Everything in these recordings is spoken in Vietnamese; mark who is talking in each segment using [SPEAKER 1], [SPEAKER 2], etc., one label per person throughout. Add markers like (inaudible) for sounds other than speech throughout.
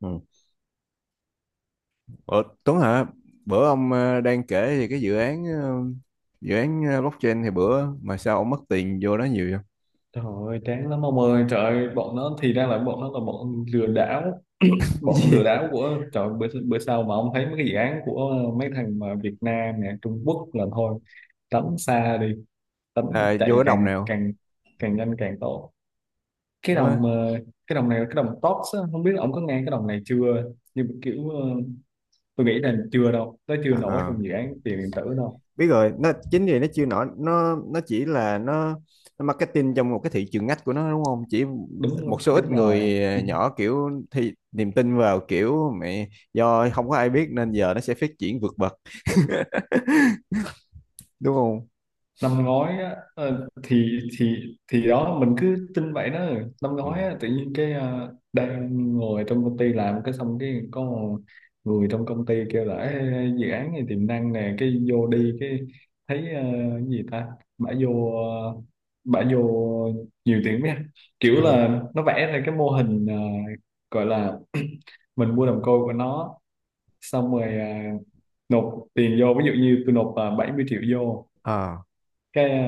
[SPEAKER 1] Ừ. Ờ, Tuấn hả? Bữa ông đang kể thì cái dự án blockchain thì bữa mà sao ông mất tiền vô đó nhiều vậy?
[SPEAKER 2] Trời ơi, chán lắm ông ơi, trời ơi, bọn nó thì ra là bọn nó là
[SPEAKER 1] (laughs)
[SPEAKER 2] bọn lừa
[SPEAKER 1] Gì?
[SPEAKER 2] đảo của, trời ơi, bữa sau mà ông thấy mấy cái dự án của mấy thằng mà Việt Nam nè, Trung Quốc là thôi, tránh xa đi, tránh
[SPEAKER 1] Là vô
[SPEAKER 2] chạy
[SPEAKER 1] cái đồng
[SPEAKER 2] càng
[SPEAKER 1] nào?
[SPEAKER 2] càng càng nhanh càng tốt. Cái đồng
[SPEAKER 1] Nó
[SPEAKER 2] ờ, cái đồng này là cái đồng TOPS á, không biết là ông có nghe cái đồng này chưa, nhưng mà kiểu tôi nghĩ là chưa đâu, nó chưa
[SPEAKER 1] à,
[SPEAKER 2] nổi trong
[SPEAKER 1] à,
[SPEAKER 2] dự án tiền điện tử đâu.
[SPEAKER 1] biết rồi nó chính vì nó chưa nổi nó chỉ là nó marketing trong một cái thị trường ngách của nó, đúng không? Chỉ một
[SPEAKER 2] Đúng,
[SPEAKER 1] số ít
[SPEAKER 2] đúng rồi.
[SPEAKER 1] người nhỏ kiểu thì niềm tin vào kiểu mẹ, do không có ai biết nên giờ nó sẽ phát triển vượt bậc, đúng không?
[SPEAKER 2] Năm ngoái á, thì đó mình cứ tin vậy đó. Năm
[SPEAKER 1] Ừ.
[SPEAKER 2] ngoái á, tự nhiên cái đang ngồi trong công ty làm cái xong cái có một người trong công ty kêu là "Ê, dự án này tiềm năng nè, cái vô đi cái thấy cái gì ta bả vô ờ, bả vô nhiều tiền quá ha." Kiểu
[SPEAKER 1] Ờ.
[SPEAKER 2] là nó vẽ ra cái mô hình gọi là (clears throat) mình mua đồng coin của nó xong rồi, à, nộp tiền vô, ví dụ như tôi nộp, à, 70 triệu vô
[SPEAKER 1] Ờ.
[SPEAKER 2] cái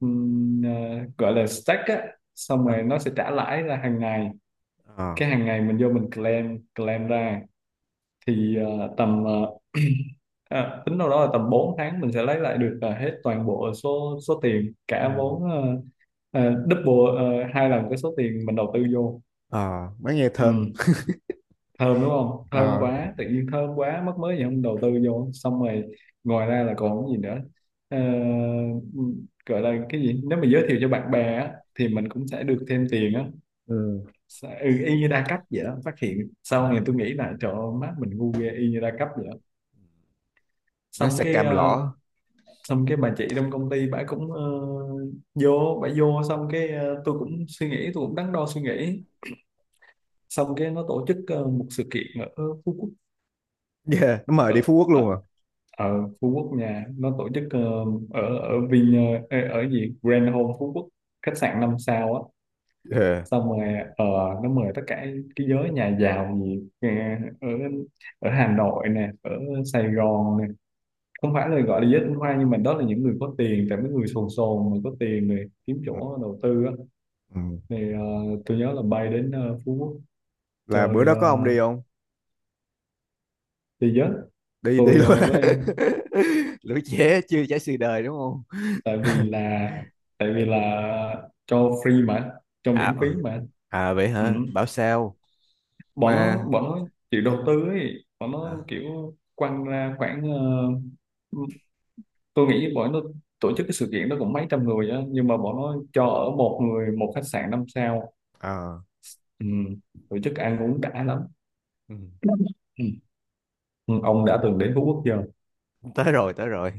[SPEAKER 2] ừm, ờ, gọi là stack á, xong
[SPEAKER 1] À.
[SPEAKER 2] rồi nó sẽ trả lãi ra hàng ngày.
[SPEAKER 1] Ờ.
[SPEAKER 2] Cái hàng ngày mình vô mình claim claim ra thì tầm tính đâu đó là tầm 4 tháng mình sẽ lấy lại được hết toàn bộ số số tiền
[SPEAKER 1] Ừ.
[SPEAKER 2] cả vốn, double 2 lần cái số tiền mình đầu tư vô.
[SPEAKER 1] Ờ, mới nghe thơm.
[SPEAKER 2] Ừ, thơm đúng không, thơm
[SPEAKER 1] Ờ.
[SPEAKER 2] quá, tự nhiên thơm quá mất, mới gì không đầu tư vô. Xong rồi ngoài ra là còn cái gì nữa? Ờ, gọi là cái gì, nếu mà giới thiệu cho bạn bè á, thì mình cũng sẽ được thêm tiền á.
[SPEAKER 1] Ừ.
[SPEAKER 2] Sẽ- ừ, y như đa cấp vậy đó, phát hiện sau này tôi nghĩ là trời ơi, má mình ngu ghê, y như đa cấp vậy đó.
[SPEAKER 1] Nó
[SPEAKER 2] xong
[SPEAKER 1] sẽ
[SPEAKER 2] cái
[SPEAKER 1] cam
[SPEAKER 2] ờ,
[SPEAKER 1] lõ.
[SPEAKER 2] xong cái bà chị trong công ty bà cũng, vô bà vô, xong cái tôi cũng suy nghĩ, tôi cũng đắn đo suy nghĩ. Xong cái nó tổ chức một sự kiện ở Phú Quốc.
[SPEAKER 1] Yeah, nó mời đi
[SPEAKER 2] ở,
[SPEAKER 1] Phú Quốc luôn à?
[SPEAKER 2] ở, Ở Phú Quốc nha, nó tổ chức ở ở Vin, ở, ở gì Grand Home Phú Quốc, khách sạn 5 sao á.
[SPEAKER 1] Ờ.
[SPEAKER 2] Xong rồi ờ, nó mời tất cả cái giới nhà giàu gì ở ở Hà Nội nè, ở Sài Gòn nè, không phải là gọi là giới tinh hoa nhưng mà đó là những người có tiền, tại mấy người sồn sồn mà có tiền này kiếm
[SPEAKER 1] Ừ.
[SPEAKER 2] chỗ đầu tư á.
[SPEAKER 1] Ừ.
[SPEAKER 2] Thì tôi nhớ là bay đến Phú Quốc
[SPEAKER 1] Là bữa
[SPEAKER 2] chơi,
[SPEAKER 1] đó có ông
[SPEAKER 2] ờ,
[SPEAKER 1] đi không?
[SPEAKER 2] chơi giới
[SPEAKER 1] Đi đi
[SPEAKER 2] tôi
[SPEAKER 1] luôn.
[SPEAKER 2] ờ, với,
[SPEAKER 1] (laughs) Lũ trẻ chưa trải sự đời, đúng không?
[SPEAKER 2] tại vì
[SPEAKER 1] (laughs)
[SPEAKER 2] là, tại vì là cho free mà, cho
[SPEAKER 1] À,
[SPEAKER 2] miễn phí
[SPEAKER 1] ờ.
[SPEAKER 2] mà.
[SPEAKER 1] À vậy
[SPEAKER 2] Ừ,
[SPEAKER 1] hả, bảo sao.
[SPEAKER 2] bọn
[SPEAKER 1] Mà
[SPEAKER 2] nó, bọn nó chịu đầu tư ấy, bọn nó
[SPEAKER 1] à,
[SPEAKER 2] kiểu quăng ra khoảng tôi nghĩ bọn nó tổ chức cái sự kiện đó cũng mấy trăm người á, nhưng mà bọn nó cho ở một người một khách sạn 5 sao.
[SPEAKER 1] ờ.
[SPEAKER 2] Ừ, tổ chức ăn uống đã lắm.
[SPEAKER 1] Ừ.
[SPEAKER 2] Ừ. Ừ, ông đã từng đến Phú Quốc chưa?
[SPEAKER 1] Tới rồi, tới rồi.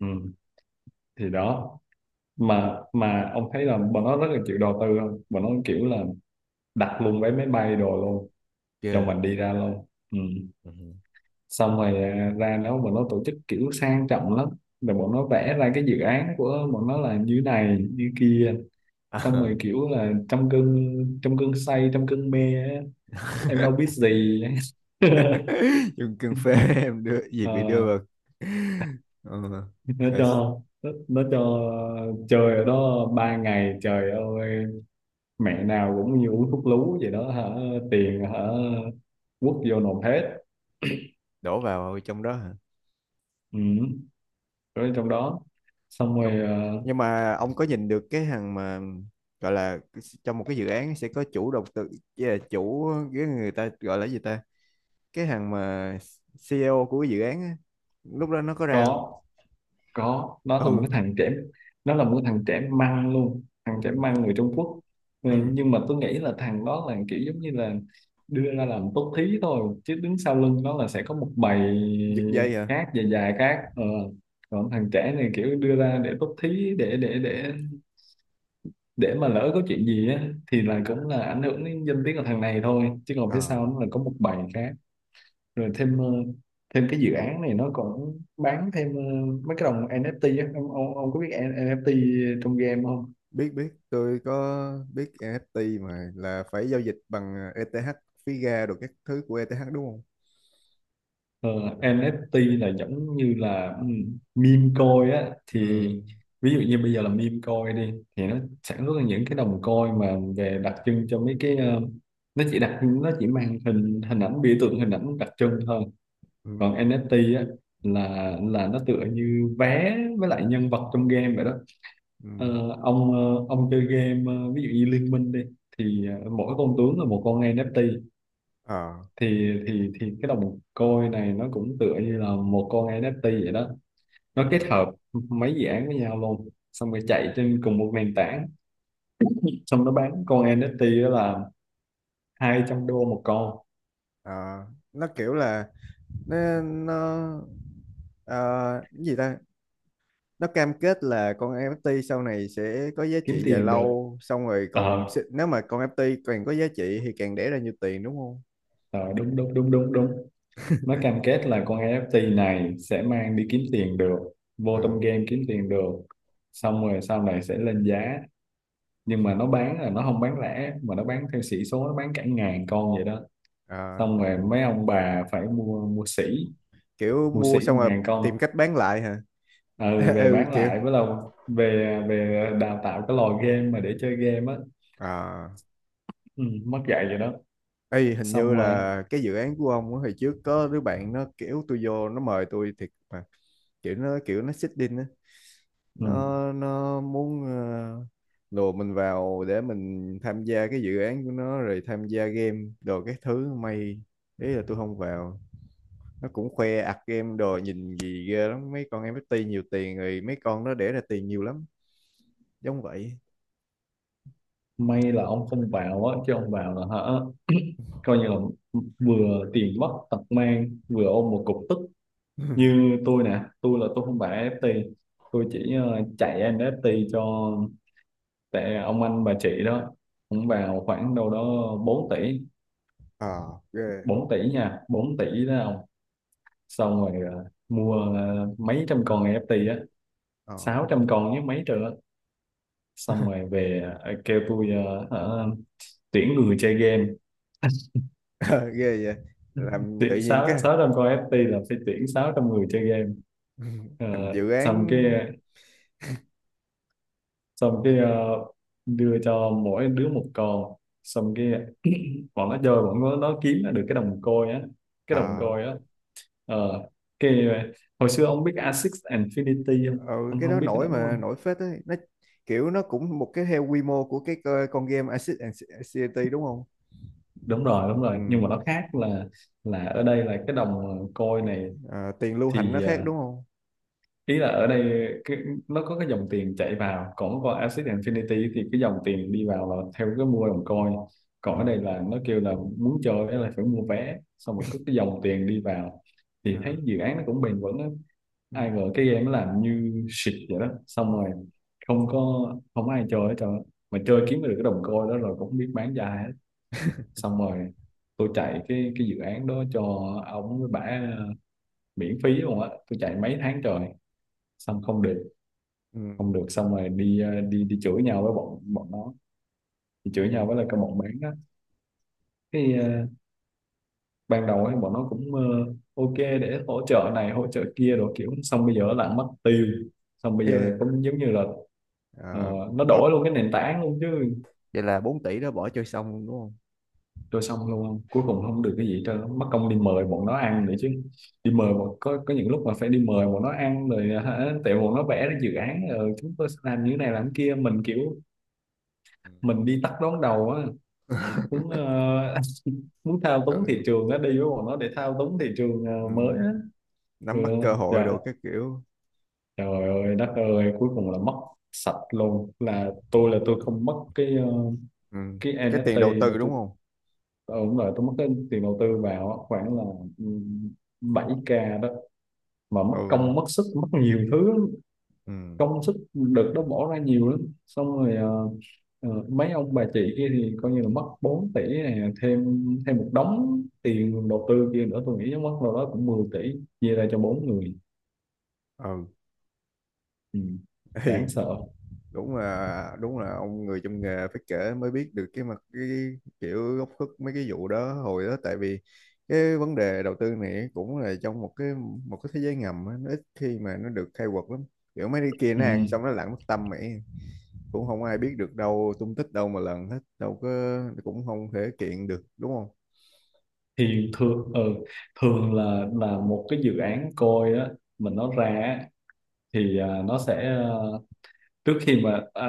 [SPEAKER 2] Ừ, thì đó, mà ông thấy là bọn nó rất là chịu đầu tư không, bọn nó kiểu là đặt luôn vé máy bay đồ luôn cho
[SPEAKER 1] Chưa.
[SPEAKER 2] mình đi ra luôn. Ừ,
[SPEAKER 1] Ừ.
[SPEAKER 2] xong rồi, à, ra đó bọn nó tổ chức kiểu sang trọng lắm, rồi bọn nó vẽ ra cái dự án của bọn nó là như này như kia. Xong rồi
[SPEAKER 1] À.
[SPEAKER 2] kiểu là trong cơn say, trong cơn mê á, em đâu biết
[SPEAKER 1] (laughs)
[SPEAKER 2] gì. (laughs)
[SPEAKER 1] Dùng cưng phê, em đưa gì
[SPEAKER 2] Ờ,
[SPEAKER 1] bị đưa vào. (laughs) Ừ.
[SPEAKER 2] nó
[SPEAKER 1] Rồi.
[SPEAKER 2] cho, nó cho chơi ở đó 3 ngày, trời ơi, mẹ nào cũng như uống thuốc lú vậy đó hả, tiền hả, quất vô nộp hết.
[SPEAKER 1] Đổ vào trong đó hả?
[SPEAKER 2] Ừ, rồi trong đó. Xong
[SPEAKER 1] nhưng
[SPEAKER 2] rồi
[SPEAKER 1] nhưng mà ông có nhìn được cái hàng mà, gọi là trong một cái dự án sẽ có chủ đầu tư với là chủ, cái người ta gọi là gì ta, cái hàng mà CEO của cái dự án á, lúc đó nó có ra không?
[SPEAKER 2] có có nó là một cái
[SPEAKER 1] Ừ.
[SPEAKER 2] thằng trẻ, nó là một cái thằng trẻ măng luôn, thằng trẻ
[SPEAKER 1] Ừ.
[SPEAKER 2] măng người Trung Quốc. Ừ,
[SPEAKER 1] Ừ.
[SPEAKER 2] nhưng mà tôi nghĩ là thằng đó là kiểu giống như là đưa ra làm tốt thí thôi, chứ đứng sau lưng nó là sẽ có một bầy
[SPEAKER 1] Giật dây hả?
[SPEAKER 2] khác, dài dài khác ờ. Còn thằng trẻ này kiểu đưa ra để tốt thí, để mà lỡ có chuyện gì á thì là cũng là ảnh hưởng đến danh tiếng của thằng này thôi, chứ còn phía sau
[SPEAKER 1] À,
[SPEAKER 2] nó là có một bầy khác. Rồi thêm thêm cái dự án này nó còn bán thêm mấy cái đồng NFT á ông, ông có biết NFT trong game không?
[SPEAKER 1] biết biết tôi có biết NFT, mà là phải giao dịch bằng ETH, phí gas đồ các thứ của ETH, đúng không?
[SPEAKER 2] Ờ, NFT là giống như là ừ, meme coin á thì,
[SPEAKER 1] Ừ.
[SPEAKER 2] ví dụ như bây giờ là meme coin đi, thì nó sản xuất ra những cái đồng coin mà về đặc trưng cho mấy cái nó chỉ đặc, nó chỉ mang hình hình ảnh biểu tượng, hình ảnh đặc trưng thôi. Còn
[SPEAKER 1] Ừ.
[SPEAKER 2] NFT á là nó tựa như vé với lại nhân vật trong game vậy đó.
[SPEAKER 1] Ừ.
[SPEAKER 2] Ờ, ông ông chơi game ví dụ như Liên Minh đi, thì mỗi con tướng là một con NFT,
[SPEAKER 1] Ờ.
[SPEAKER 2] thì cái đồng coin này nó cũng tựa như là một con NFT vậy đó, nó kết
[SPEAKER 1] Ừ.
[SPEAKER 2] hợp mấy dự án với nhau luôn, xong rồi chạy trên cùng một nền tảng. Xong nó bán con NFT đó là $200 một con,
[SPEAKER 1] Ờ. Nó kiểu là, nên nó ờ, cái gì ta, nó cam kết là con NFT sau này sẽ có giá
[SPEAKER 2] kiếm
[SPEAKER 1] trị dài
[SPEAKER 2] tiền được.
[SPEAKER 1] lâu, xong rồi còn
[SPEAKER 2] Ờ,
[SPEAKER 1] sẽ- nếu mà con NFT càng có giá trị thì càng đẻ ra nhiều tiền, đúng không?
[SPEAKER 2] ờ, đúng đúng đúng đúng đúng, nó cam kết là con NFT này sẽ mang đi kiếm tiền được, vô trong
[SPEAKER 1] À,
[SPEAKER 2] game kiếm tiền được, xong rồi sau này sẽ lên giá. Nhưng mà nó bán là nó không bán lẻ, mà nó bán theo sĩ số, nó bán cả ngàn con vậy đó.
[SPEAKER 1] à,
[SPEAKER 2] Xong rồi mấy ông bà phải mua, mua sỉ,
[SPEAKER 1] kiểu
[SPEAKER 2] mua sỉ
[SPEAKER 1] mua xong rồi
[SPEAKER 2] ngàn con.
[SPEAKER 1] tìm cách bán lại hả?
[SPEAKER 2] Ừ,
[SPEAKER 1] (laughs)
[SPEAKER 2] về
[SPEAKER 1] Ừ
[SPEAKER 2] bán
[SPEAKER 1] kiểu,
[SPEAKER 2] lại, với lâu về, đào tạo cái lò game mà để chơi game á.
[SPEAKER 1] à.
[SPEAKER 2] Ừ, mất dạy vậy đó.
[SPEAKER 1] Ê, hình
[SPEAKER 2] Xong
[SPEAKER 1] như
[SPEAKER 2] rồi
[SPEAKER 1] là cái dự án của ông á, hồi trước có đứa bạn nó kiểu tôi vô, nó mời tôi thiệt mà, kiểu nó xích đinh á,
[SPEAKER 2] ừ,
[SPEAKER 1] nó muốn lùa mình vào để mình tham gia cái dự án của nó rồi tham gia game đồ các thứ. May, ý là tôi không vào. Nó cũng khoe ạc game đồ nhìn gì ghê lắm, mấy con em NFT nhiều tiền rồi mấy con nó để ra tiền nhiều lắm, giống vậy.
[SPEAKER 2] may là ông không vào á, chứ ông vào là hả, coi như là vừa tiền mất tật mang vừa ôm một cục tức.
[SPEAKER 1] (laughs)
[SPEAKER 2] Như tôi nè, tôi là tôi không phải FT, tôi chỉ chạy NFT cho, tại ông anh bà chị đó cũng vào khoảng đâu đó 4 tỷ,
[SPEAKER 1] Ờ ghê.
[SPEAKER 2] 4 tỷ nha, 4 tỷ đó ông. Xong rồi mua mấy trăm con NFT á,
[SPEAKER 1] Ờ.
[SPEAKER 2] 600 con với mấy triệu á. Xong
[SPEAKER 1] (laughs)
[SPEAKER 2] rồi về kêu tôi hả, tuyển người chơi game,
[SPEAKER 1] Ờ, ghê vậy. Làm tự
[SPEAKER 2] tuyển
[SPEAKER 1] nhiên
[SPEAKER 2] sáu
[SPEAKER 1] cái.
[SPEAKER 2] sáu trăm con NFT là phải tuyển 600 người chơi game.
[SPEAKER 1] (laughs) Ừ,
[SPEAKER 2] Ờ,
[SPEAKER 1] thành dự án.
[SPEAKER 2] xong cái, xong cái ờ, đưa cho mỗi đứa một con. Xong cái bọn nó chơi bọn nó kiếm được cái đồng coin á, cái đồng
[SPEAKER 1] Ờ.
[SPEAKER 2] coin á ờ cái hồi xưa ông biết Asics Infinity không,
[SPEAKER 1] Ờ,
[SPEAKER 2] ông
[SPEAKER 1] cái
[SPEAKER 2] không
[SPEAKER 1] đó
[SPEAKER 2] biết cái đó
[SPEAKER 1] nổi
[SPEAKER 2] đúng
[SPEAKER 1] mà,
[SPEAKER 2] không?
[SPEAKER 1] nổi phết ấy. Nó kiểu nó cũng một cái theo quy mô của cái co- con game Acid and Anxiety, đúng không?
[SPEAKER 2] Đúng rồi, đúng
[SPEAKER 1] Ừ.
[SPEAKER 2] rồi, nhưng mà nó khác là ở đây là cái đồng côi này
[SPEAKER 1] Ờ, tiền lưu hành nó
[SPEAKER 2] thì
[SPEAKER 1] khác đúng không?
[SPEAKER 2] ý là ở đây cái, nó có cái dòng tiền chạy vào, còn qua Axie Infinity thì cái dòng tiền đi vào là theo cái mua đồng coin, còn ở
[SPEAKER 1] Ờ.
[SPEAKER 2] đây là nó kêu là muốn chơi á là phải mua vé, xong rồi có cái dòng tiền đi vào,
[SPEAKER 1] Ờ.
[SPEAKER 2] thì thấy dự án nó cũng bền vững á.
[SPEAKER 1] Ừ.
[SPEAKER 2] Ai ngờ cái game nó làm như shit vậy đó, xong rồi không có, không ai chơi hết trơn á. Mà chơi kiếm được cái đồng coin đó rồi cũng không biết bán ra hết.
[SPEAKER 1] (laughs)
[SPEAKER 2] Xong rồi tôi chạy cái dự án đó cho ông với bả miễn phí luôn á, tôi chạy mấy tháng trời, xong không được,
[SPEAKER 1] Ừ.
[SPEAKER 2] không được. Xong rồi đi ờ, đi đi chửi nhau với bọn bọn nó, đi chửi nhau
[SPEAKER 1] Ừ.
[SPEAKER 2] với lại cái bọn bán á. Cái ban đầu ấy bọn nó cũng ok để hỗ trợ này hỗ trợ kia, rồi kiểu xong bây giờ nó lại mất tiêu, xong bây giờ
[SPEAKER 1] Yeah.
[SPEAKER 2] cũng giống như là ờ,
[SPEAKER 1] Ờ,
[SPEAKER 2] nó
[SPEAKER 1] bỏ,
[SPEAKER 2] đổi luôn cái nền tảng luôn chứ.
[SPEAKER 1] vậy là 4 tỷ đó bỏ chơi xong luôn đúng không?
[SPEAKER 2] Rồi xong luôn, cuối cùng không được cái gì hết trơn, mất công đi mời bọn nó ăn nữa chứ. Đi mời bọn, có những lúc mà phải đi mời bọn nó ăn rồi hả, tại bọn nó vẽ ra dự án rồi chúng tôi sẽ làm như thế này làm thế kia, mình kiểu
[SPEAKER 1] Ừ.
[SPEAKER 2] mình đi tắt đón đầu á, muốn (laughs) muốn thao túng
[SPEAKER 1] Trời.
[SPEAKER 2] thị trường, nó đi với bọn nó để thao túng thị trường
[SPEAKER 1] Ừ.
[SPEAKER 2] mới á. Ừ,
[SPEAKER 1] Nắm bắt cơ hội
[SPEAKER 2] dạ.
[SPEAKER 1] đồ các kiểu.
[SPEAKER 2] Trời ơi đất ơi, cuối cùng là mất sạch luôn. Là tôi là tôi không mất cái
[SPEAKER 1] Ừ.
[SPEAKER 2] cái
[SPEAKER 1] Cái tiền đầu
[SPEAKER 2] NFT
[SPEAKER 1] tư
[SPEAKER 2] mà
[SPEAKER 1] đúng
[SPEAKER 2] tôi
[SPEAKER 1] không?
[SPEAKER 2] đúng rồi, tôi mất cái tiền đầu tư vào á, khoảng là ừ, 7k đó, mà mất
[SPEAKER 1] Ừ.
[SPEAKER 2] công mất sức mất nhiều thứ lắm,
[SPEAKER 1] Ừ.
[SPEAKER 2] công sức đợt đó bỏ ra nhiều lắm. Xong rồi mấy ông bà chị kia thì coi như là mất 4 tỷ này, thêm thêm một đống tiền đầu tư kia nữa, tôi nghĩ chắc mất đâu đó cũng 10 tỷ chia ra cho 4 người. Ừ,
[SPEAKER 1] Ừ.
[SPEAKER 2] đáng
[SPEAKER 1] (laughs)
[SPEAKER 2] sợ.
[SPEAKER 1] Đúng là, đúng là ông người trong nghề phải kể mới biết được cái mặt, cái kiểu góc khuất mấy cái vụ đó. Hồi đó tại vì cái vấn đề đầu tư này cũng là trong một cái, một cái thế giới ngầm á, nó ít khi mà nó được khai quật lắm, kiểu mấy cái kia
[SPEAKER 2] Ừ,
[SPEAKER 1] nó ăn xong nó lặn mất tâm mày, cũng không ai biết được đâu, tung tích đâu mà lần hết, đâu có. Cũng không thể kiện được đúng không?
[SPEAKER 2] thì thường thường là một cái dự án coi á, mình nó ra á, thì à, nó sẽ trước khi mà à,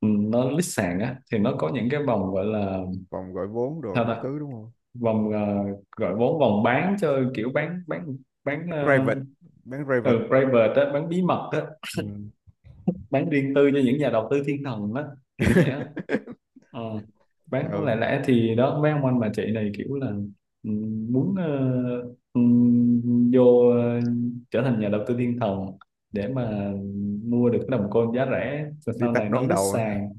[SPEAKER 2] ừ, nó list sàn á, thì nó có những cái vòng gọi là,
[SPEAKER 1] Vòng gọi vốn rồi
[SPEAKER 2] sao
[SPEAKER 1] cái
[SPEAKER 2] ta,
[SPEAKER 1] thứ đúng không?
[SPEAKER 2] vòng gọi vốn, vòng bán cho kiểu bán bán bán
[SPEAKER 1] Bán
[SPEAKER 2] ờ,
[SPEAKER 1] private. Bán private.
[SPEAKER 2] ừ, private á, bán bí mật á,
[SPEAKER 1] Ừ.
[SPEAKER 2] bán riêng tư cho những nhà đầu tư thiên thần á, kiểu vậy á.
[SPEAKER 1] (laughs)
[SPEAKER 2] Ờ, bán lẻ
[SPEAKER 1] Ừ.
[SPEAKER 2] lẻ thì đó, mấy ông anh bà chị này kiểu là ừ, muốn ừ, vô ờ, trở thành nhà đầu tư thiên thần, để mà mua được cái đồng coin giá rẻ rồi
[SPEAKER 1] Đi
[SPEAKER 2] sau
[SPEAKER 1] tắt
[SPEAKER 2] này nó
[SPEAKER 1] đón
[SPEAKER 2] lít
[SPEAKER 1] đầu à.
[SPEAKER 2] sàn.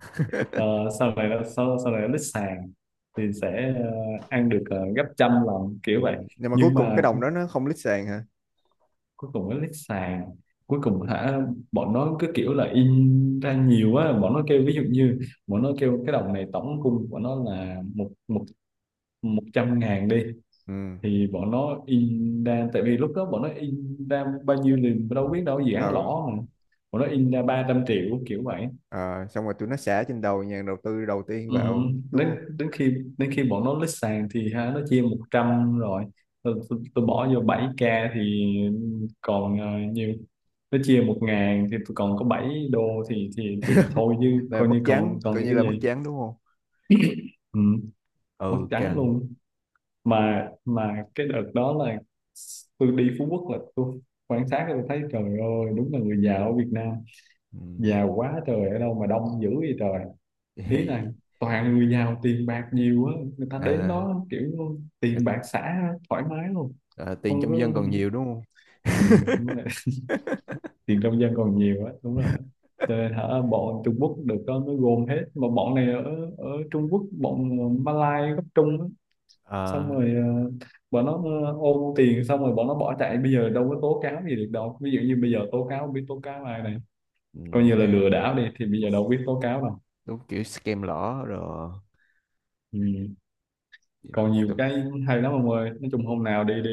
[SPEAKER 2] Ờ, sau này nó, sau này nó lít sàn thì sẽ ăn được gấp 100 lần kiểu
[SPEAKER 1] Ừ.
[SPEAKER 2] vậy.
[SPEAKER 1] Nhưng mà cuối
[SPEAKER 2] Nhưng
[SPEAKER 1] cùng cái
[SPEAKER 2] mà
[SPEAKER 1] đồng đó nó không lít sàn hả?
[SPEAKER 2] cuối cùng nó lít sàn cuối cùng hả, bọn nó cứ kiểu là in ra nhiều á. Bọn nó kêu ví dụ như bọn nó kêu cái đồng này tổng cung của nó là một một 100.000 đi,
[SPEAKER 1] Ừ.
[SPEAKER 2] thì bọn nó in ra, tại vì lúc đó bọn nó in ra bao nhiêu thì đâu biết đâu, dự
[SPEAKER 1] Ờ.
[SPEAKER 2] án lỗ mà, bọn nó in ra 300 triệu kiểu vậy.
[SPEAKER 1] Ờ, xong rồi tụi nó xả trên đầu nhà đầu tư đầu tiên
[SPEAKER 2] Ừ,
[SPEAKER 1] vào đúng
[SPEAKER 2] đến
[SPEAKER 1] không?
[SPEAKER 2] đến khi, đến khi bọn nó lít sàn thì ha, nó chia 100 rồi. Tôi bỏ vô 7k thì còn nhiều, nó chia 1.000 thì tôi còn có $7, thì thôi chứ,
[SPEAKER 1] Là
[SPEAKER 2] coi
[SPEAKER 1] mất
[SPEAKER 2] như còn,
[SPEAKER 1] trắng,
[SPEAKER 2] còn
[SPEAKER 1] coi
[SPEAKER 2] được
[SPEAKER 1] như
[SPEAKER 2] cái
[SPEAKER 1] là mất
[SPEAKER 2] gì.
[SPEAKER 1] trắng đúng không?
[SPEAKER 2] Ừ, mất
[SPEAKER 1] Ừ
[SPEAKER 2] trắng
[SPEAKER 1] căng.
[SPEAKER 2] luôn. Mà cái đợt đó là tôi đi Phú Quốc là tôi quan sát, tôi thấy trời ơi, đúng là người giàu ở Việt Nam
[SPEAKER 1] Ừ.
[SPEAKER 2] giàu quá trời, ở đâu mà đông dữ vậy trời. Ý là
[SPEAKER 1] Vậy,
[SPEAKER 2] toàn người giàu, tiền bạc nhiều á, người ta đến
[SPEAKER 1] à,
[SPEAKER 2] đó kiểu tiền bạc xả thoải mái luôn.
[SPEAKER 1] à, tiền
[SPEAKER 2] Không có
[SPEAKER 1] trong dân còn nhiều đúng không?
[SPEAKER 2] ừ, đúng rồi. (laughs) Tiền trong dân còn nhiều á, đúng là cho nên hả, bọn Trung Quốc được đó mới gồm hết. Mà bọn này ở ở Trung Quốc, bọn Malai gốc Trung á. Xong
[SPEAKER 1] À.
[SPEAKER 2] rồi bọn nó ôm tiền xong rồi bọn nó bỏ chạy, bây giờ đâu có tố cáo gì được đâu, ví dụ như bây giờ tố cáo không biết tố cáo ai này,
[SPEAKER 1] Ừ.
[SPEAKER 2] coi như là
[SPEAKER 1] Mấy,
[SPEAKER 2] lừa đảo đi, thì bây giờ đâu biết tố cáo đâu.
[SPEAKER 1] đúng kiểu scam lỏ rồi.
[SPEAKER 2] Ừ, còn nhiều
[SPEAKER 1] Đúng,
[SPEAKER 2] cái hay lắm ông ơi, nói chung hôm nào đi, đi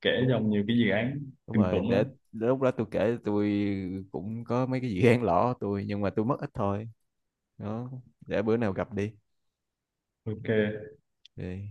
[SPEAKER 2] kể
[SPEAKER 1] đúng.
[SPEAKER 2] cho ông nhiều cái dự án
[SPEAKER 1] Đúng
[SPEAKER 2] kinh
[SPEAKER 1] rồi,
[SPEAKER 2] khủng lắm.
[SPEAKER 1] để đến lúc đó tôi kể. Tôi cũng có mấy cái dự án lỏ tôi, nhưng mà tôi mất ít thôi. Đó, để bữa nào gặp đi.
[SPEAKER 2] Ok.
[SPEAKER 1] Thì-